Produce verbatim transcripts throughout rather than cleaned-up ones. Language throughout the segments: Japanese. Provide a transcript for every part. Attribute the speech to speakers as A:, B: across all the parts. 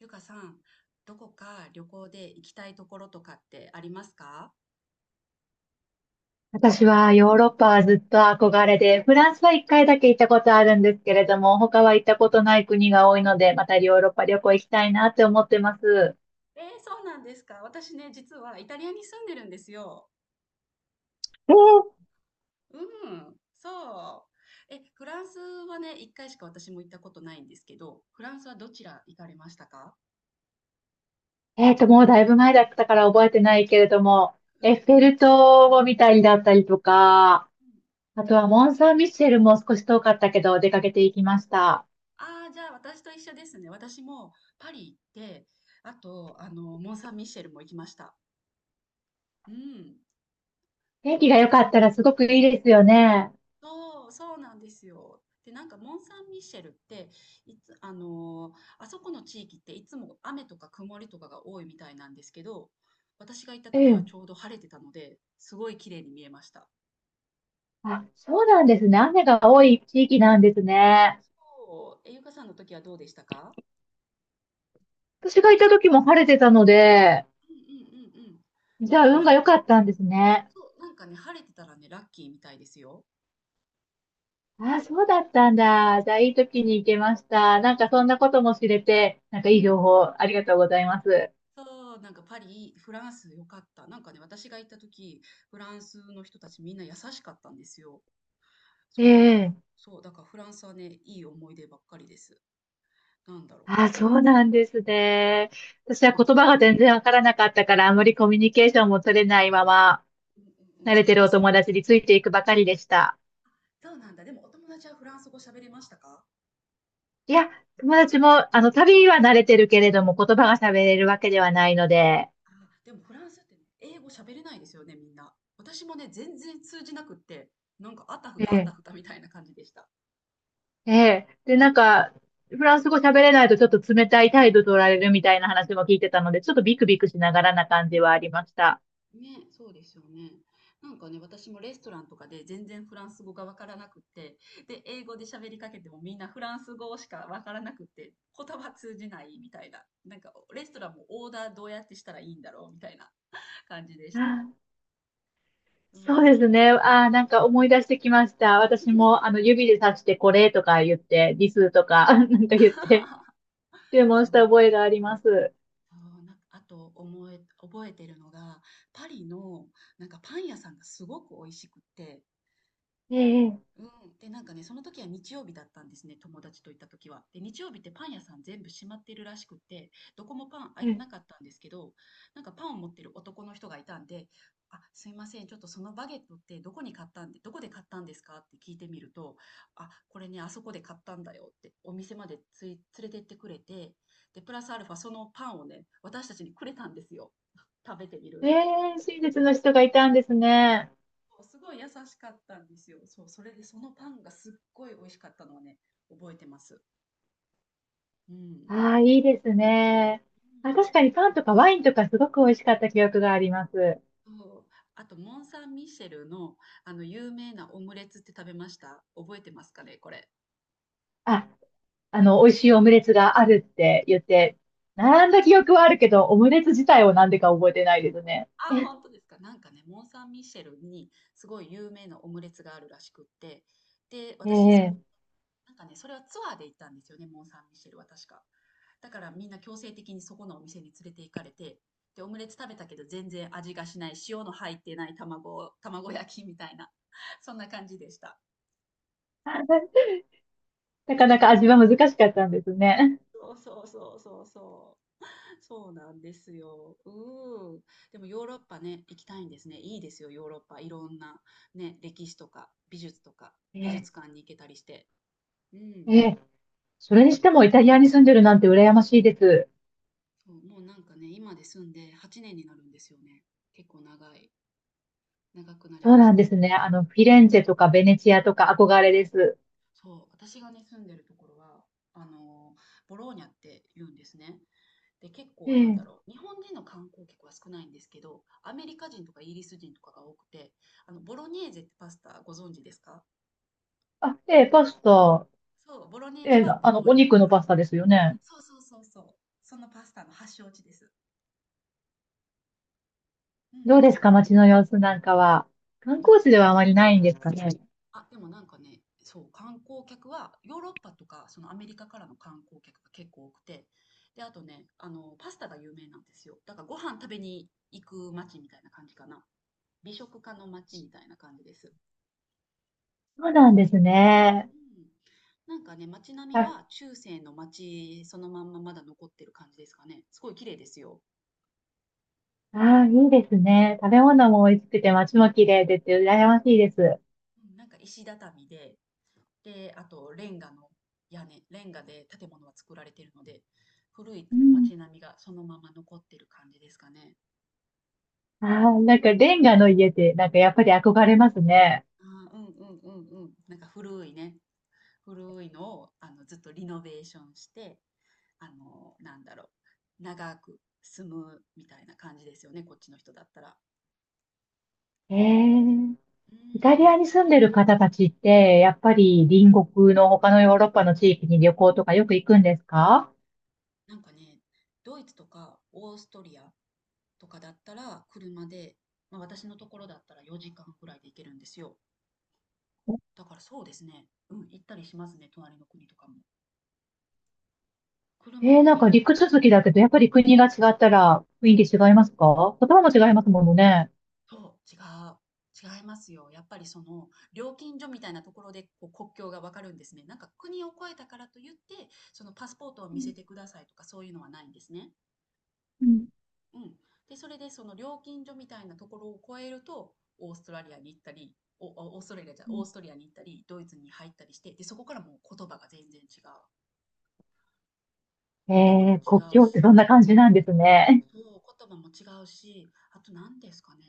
A: ゆかさん、どこか旅行で行きたいところとかってありますか？
B: 私はヨーロッパはずっと憧れで、フランスはいっかいだけ行ったことあるんですけれども、他は行ったことない国が多いので、またヨーロッパ旅行行きたいなって思ってます。
A: えー、そうなんですか。私ね、実はイタリアに住んでるんですよ。うん、そう。え、フランスはね、一回しか私も行ったことないんですけど、フランスはどちら行かれましたか？
B: えーと、もうだいぶ前だったから覚えてないけれども、エッ
A: う
B: フェ
A: ん。
B: ル塔を見たりだったりとか、あとはモン・サン・ミッシェルも少し遠かったけど出かけていきました。
A: ああー、じゃあ私と一緒ですね。私もパリ行って、あと、あの、モン・サン・ミシェルも行きました。うん。
B: 天気が良かったらすごくいいですよね。
A: そう、そうなんですよ。で、なんかモン・サン・ミッシェルって、いつ、あのーあそこの地域っていつも雨とか曇りとかが多いみたいなんですけど、私が行った
B: う
A: 時は
B: ん。
A: ちょうど晴れてたので、すごい綺麗に見えました。
B: あ、そうなんですね。雨が多い地域なんですね。
A: そう、え、ゆかさんの時はどうでしたか？
B: 私が行った時も晴れてたので、
A: うんうんうんうん。
B: じ
A: なん
B: ゃあ、
A: かね、
B: 運が
A: は、
B: 良かったんですね。
A: そう、なんかね、晴れてたらね、ラッキーみたいですよ。
B: ああ、そうだったんだ。じゃあ、いい時に行けました。なんか、
A: うん、
B: そんなことも知れて、なんか、
A: う
B: いい
A: ん。
B: 情報、ありがとうございます。
A: そう、なんかパリ、フランス良かった。なんかね、私が行った時、フランスの人たちみんな優しかったんですよ。
B: え
A: そう、だから、
B: え。
A: そう、だからフランスはね、いい思い出ばっかりです。なんだろ
B: ああ、そうなんですね。私
A: う。
B: は
A: そうな
B: 言
A: ん。
B: 葉が全然わからなかったから、あまりコミュニケーションも取れないまま、
A: うんうんうん、
B: 慣れ
A: そう、
B: てるお
A: 私も、
B: 友達についていくばかりでした。
A: そうなんだ。でもお友達はフランス語喋れましたか？
B: いや、友達も、あの、旅は慣れてるけれども、言葉が喋れるわけではないので、
A: あでもフランスってね、英語喋れないですよね、みんな。私もね、全然通じなくって、なんかあたふた
B: え
A: あた
B: え
A: ふたみたいな感じでした。
B: ええ。で、なんか、フランス語喋れないとちょっと冷たい態度取られるみたいな話も聞いてたので、ちょっとビクビクしながらな感
A: うん
B: じはありました。
A: ね、そうですよね。なんかね、私もレストランとかで全然フランス語がわからなくって、で、英語で喋りかけてもみんなフランス語しかわからなくって、言葉通じないみたいな。なんか、レストランもオーダーどうやってしたらいいんだろうみたいな感じでした。う
B: そうで
A: ん。
B: すね。ああ、なんか思い出してきました。私も、あの、指で指してこれとか言って、リスとか、なんか言って、注文
A: そ
B: し
A: う、
B: た覚えがあります。
A: そうなんかあと思え、覚えてるのが、パリのなんかパン屋さんがすごく美味しくって、
B: ええ、
A: うん。で、なんかね、その時は日曜日だったんですね、友達と行った時は。で、日曜日ってパン屋さん全部閉まってるらしくって、どこもパン開
B: え
A: いて
B: え、
A: なかったんですけど、なんかパンを持ってる男の人がいたんで、あ、すいません、ちょっとそのバゲットってどこに買ったんで、どこで買ったんですかって聞いてみると、あ、これね、あそこで買ったんだよって、お店までつい、連れてってくれて、で、プラスアルファそのパンをね、私たちにくれたんですよ。食べてみ
B: え
A: るって。
B: え、親切の人がいたんですね。
A: すごい優しかったんですよ。そう、それでそのパンがすっごい美味しかったのはね、覚えてます。うん。
B: ああ、いいですね。あ、
A: う
B: 確かにパンとかワインとかすごく美味しかった記憶があります。
A: ん。そう。あと、モン・サン・ミシェルの、あの、有名なオムレツって食べました、覚えてますかね、これ。
B: ああの、美味しいオムレツがあるって言っ
A: うん。
B: て、並んだ記憶はあるけど、オムレツ自体をなんでか覚えてないですね。
A: ああ、本当ですか。なんかね、モン・サン・ミシェルにすごい有名なオムレツがあるらしくって、で、
B: え
A: 私そ
B: え。
A: こなんかね、それはツアーで行ったんですよね、モン・サン・ミシェルは確か。だからみんな強制的にそこのお店に連れて行かれて、で、オムレツ食べたけど全然味がしない、塩の入ってない卵、卵焼きみたいな、そんな感じでした。
B: なかな
A: う
B: か
A: ん。
B: 味は難しかったんですね。
A: そうそうそうそうそう。そうなんですよ。うん。でもヨーロッパね、行きたいんですね。いいですよ、ヨーロッパ。いろんなね、歴史とか美術とか美
B: ええ
A: 術館に行けたりして。うん。
B: ええ、それにしてもイタリアに住んでるなんて羨ましいです。
A: そう、もうなんかね、今で住んではちねんになるんですよね。結構長い、長くなり
B: そう
A: まし
B: なん
A: た。
B: ですね。あの、フィレンツェとかベネチアとか憧れです。
A: そう、私がね、住んでるところは、あのボローニャって言うんですね。で、結構なんだ
B: ええ
A: ろう、日本人の観光客は少ないんですけど、アメリカ人とかイギリス人とかが多くて、あの、ボロネーゼってパスタご存知ですか？
B: あ、ええパスタ。
A: そう、ボロネーゼ
B: ええ
A: はボ
B: あ
A: ロ
B: の、お
A: ーニャか
B: 肉
A: ら。
B: のパスタですよね。
A: そうそうそうそう。そのパスタの発祥地です。う
B: ど
A: ん。
B: うですか、街の様子なんかは。観光地で
A: 町、
B: はあまりないんですかね。
A: あ、でもなんかね、そう、観光客は、ヨーロッパとか、そのアメリカからの観光客が結構多くて、で、あとね、あの、パスタが有名なんですよ。だからご飯食べに行く街みたいな感じかな。美食家の街みたいな感じです。
B: そうなんですね。
A: うん。なんかね、街並みは中世の街そのまんままだ残ってる感じですかね。すごい綺麗ですよ。
B: ああ、いいですね。食べ
A: うん。
B: 物も美味しくて街も綺麗でって羨ましいです。
A: うんなんか石畳で、で、あと、レンガの屋根、レンガで建物は作られているので、古い
B: うん。
A: 街並みがそのまま残ってる感じですかね。
B: ああ、なんかレンガの家ってなんかやっぱり憧れますね。
A: あーうんうんうんうん。なんか古いね、古いのをあのずっとリノベーションして、あの、なんだろう、長く住むみたいな感じですよね、こっちの人だったら。
B: ええ、
A: う
B: イタリ
A: ん、
B: アに住んでる方たちってやっ
A: う
B: ぱ
A: ん。
B: り隣国の他のヨーロッパの地域に旅行とかよく行くんですか？
A: なんかね、ドイツとかオーストリアとかだったら車で、まあ、私のところだったらよじかんくらいで行けるんですよ。だからそうですね。うん、行ったりしますね、隣の国とかも。
B: え
A: 車で
B: え、
A: 行
B: なん
A: け
B: か
A: る。
B: 陸続きだけどやっぱり国が違ったら雰囲気違いますか？言葉も違いますものね。
A: そう、違う。違いますよ。やっぱりその料金所みたいなところでこう国境がわかるんですね。なんか国を越えたからといって、そのパスポートを
B: う
A: 見せ
B: ん。
A: てくださいとかそういうのはないんですね。
B: うん
A: うん。で、それでその料金所みたいなところを越えると、オーストラリアに行ったり、お、おオーストラリアじゃ、オーストリアに行ったり、ドイツに入ったりして、で、そこからもう言葉が全然違う。
B: え
A: 言葉も
B: え、
A: 違
B: 国
A: う
B: 境って
A: し、
B: そんな感じなんですね。
A: そう、言葉も違うし、あと何ですかね。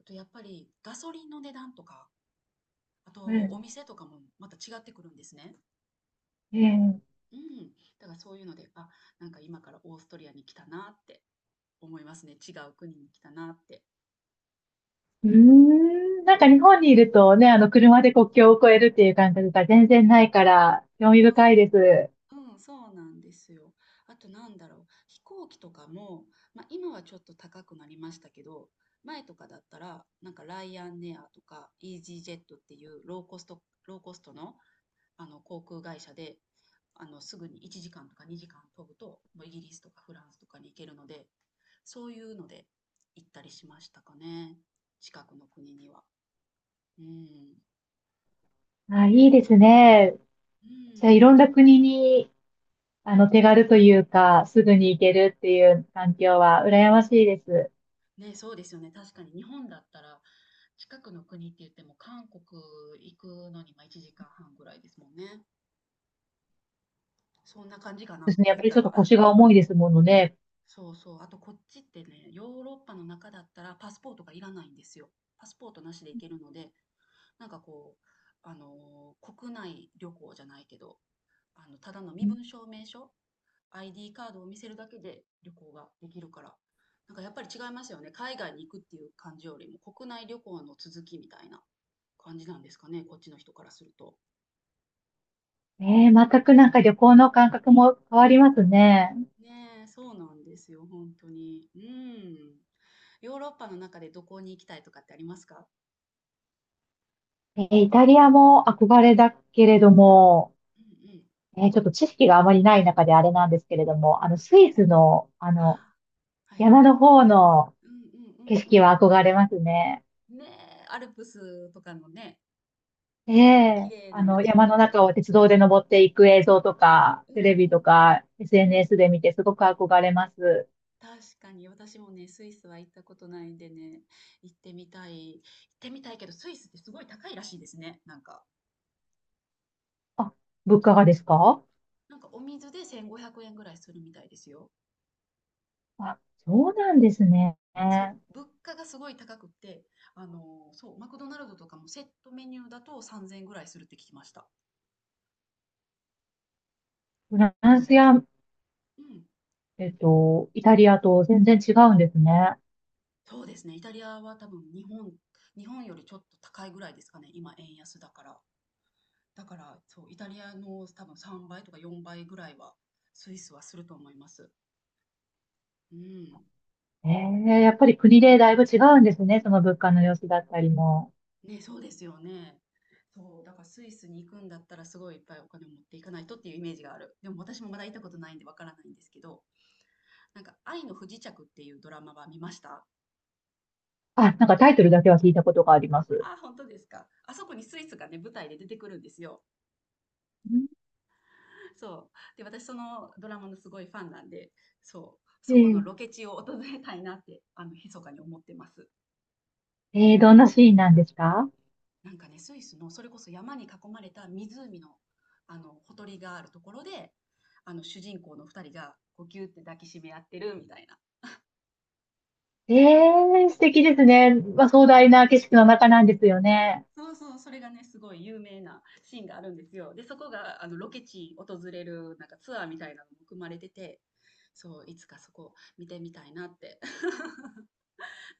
A: あとやっぱりガソリンの値段とか、あ
B: う
A: とお
B: ん。
A: 店とかもまた違ってくるんですね。
B: ええ
A: うん。だからそういうので、あ、なんか今からオーストリアに来たなって思いますね。違う国に来たなって。
B: うーん、なんか日本にいるとね、あの、車で国境を越えるっていう感覚が全然ないから、興味
A: そうそ
B: 深い
A: う。
B: です。
A: うん、そうなんですよ。あとなんだろう。飛行機とかも、まあ今はちょっと高くなりましたけど、前とかだったら、なんかライアンエアとかイージージェットっていうローコスト、ローコストのあの航空会社であのすぐにいちじかんとかにじかん飛ぶともうイギリスとかフランスとかに行けるのでそういうので行ったりしましたかね近くの国には。うん
B: あ、いいですね。
A: う
B: じゃあ、
A: ん
B: いろんな国に、あの、手軽というか、すぐに行けるっていう環境は羨ましいです。
A: ね、そうですよね。確かに日本だったら近くの国って言っても韓国行くのにまあいちじかんはんぐらいですもんね。そんな感じか
B: で
A: な
B: すね。やっ
A: 言っ
B: ぱり
A: た
B: ちょっと
A: ら。
B: 腰が重いですものね。
A: そうそう。あとこっちってね、ヨーロッパの中だったらパスポートがいらないんですよ。パスポートなしで行けるので、なんかこう、あのー国内旅行じゃないけど、あの、ただの身分証明書、アイディー カードを見せるだけで旅行ができるから、なんかやっぱり違いますよね。海外に行くっていう感じよりも、国内旅行の続きみたいな感じなんですかね、こっちの人からすると。
B: え
A: う
B: え
A: ん。
B: 全くなんか旅行の感覚も変わりますね。
A: ねえ、そうなんですよ、本当に。うん。ヨーロッパの中でどこに行きたいとかってありますか？
B: えーイタリアも憧れだけれども、
A: うんうん。
B: えーちょっと知識があまりない中であれなんですけれども、あの、スイスの、あ
A: あ
B: の、
A: ーはい。
B: 山の方の
A: うんう
B: 景
A: んう
B: 色
A: ん
B: は憧れますね。
A: うん。ねえ、アルプスとかのね、
B: え
A: 綺
B: え
A: 麗
B: あ
A: な
B: の、
A: 街
B: 山
A: 並
B: の
A: み。
B: 中を鉄道で登っていく映像とか、
A: うんう
B: テ
A: ん
B: レビと
A: うん
B: か、
A: うん。
B: エスエヌエス で見てすごく憧れます。
A: 確かに私もね、スイスは行ったことないんでね、行ってみたい。行ってみたいけど、スイスってすごい高いらしいですね。なんか、
B: あ、物価がですか？
A: なんかお水でせんごひゃくえんぐらいするみたいですよ。
B: あ、そうなんですね。
A: そう、物価がすごい高くて、あのそう、マクドナルドとかもセットメニューだとさんぜんえんぐらいするって聞きました。
B: フランスや、
A: うん。
B: えっと、イタリアと全然違うんですね。
A: そうですね。イタリアは多分日本、日本よりちょっと高いぐらいですかね。今円安だから。だから、そう、イタリアの多分さんばいとかよんばいぐらいは、スイスはすると思います。うん。
B: ええ、やっぱり国でだいぶ違うんですね、その物価の様子だったりも。
A: ね、そうですよね。そう、だからスイスに行くんだったらすごいいっぱいお金を持っていかないとっていうイメージがある。でも私もまだ行ったことないんでわからないんですけど、なんか愛の不時着っていうドラマは見ました？
B: あ、なんかタイトルだけは聞いたことがあります。
A: ああ本当ですか。あそこにスイスがね、舞台で出てくるんですよ。
B: うん。
A: そう。で、私そのドラマのすごいファンなんで、そう、
B: え
A: そこの
B: ー
A: ロケ地を訪れたいなって、あの、密かに思ってます。
B: えー、どんなシーンなんですか？
A: なんかね、スイスのそれこそ山に囲まれた湖の、あの、ほとりがあるところで、あの、主人公の二人がこうギュって抱きしめ合ってるみたいな。
B: えー素敵ですね。まあ、壮大な景色の中なんですよね。
A: そうそうそう、それがね、すごい有名なシーンがあるんですよ。で、そこが、あの、ロケ地訪れる、なんかツアーみたいなのも組まれてて、そう、いつかそこ見てみたいなって。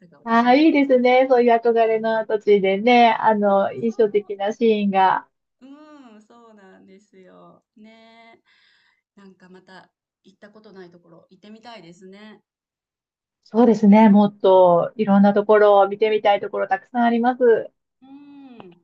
A: だから
B: あ
A: 私
B: あ、
A: も
B: いい
A: スイ
B: です
A: ス。
B: ね。そういう憧れの土地でね、あ
A: そ
B: の、
A: うそ
B: 印象的なシーンが。
A: う。うん、そうなんですよ。ねえ。なんかまた行ったことないところ行ってみたいですね。
B: そうですね。もっといろんなところを見てみたいところたくさんあります。
A: うん。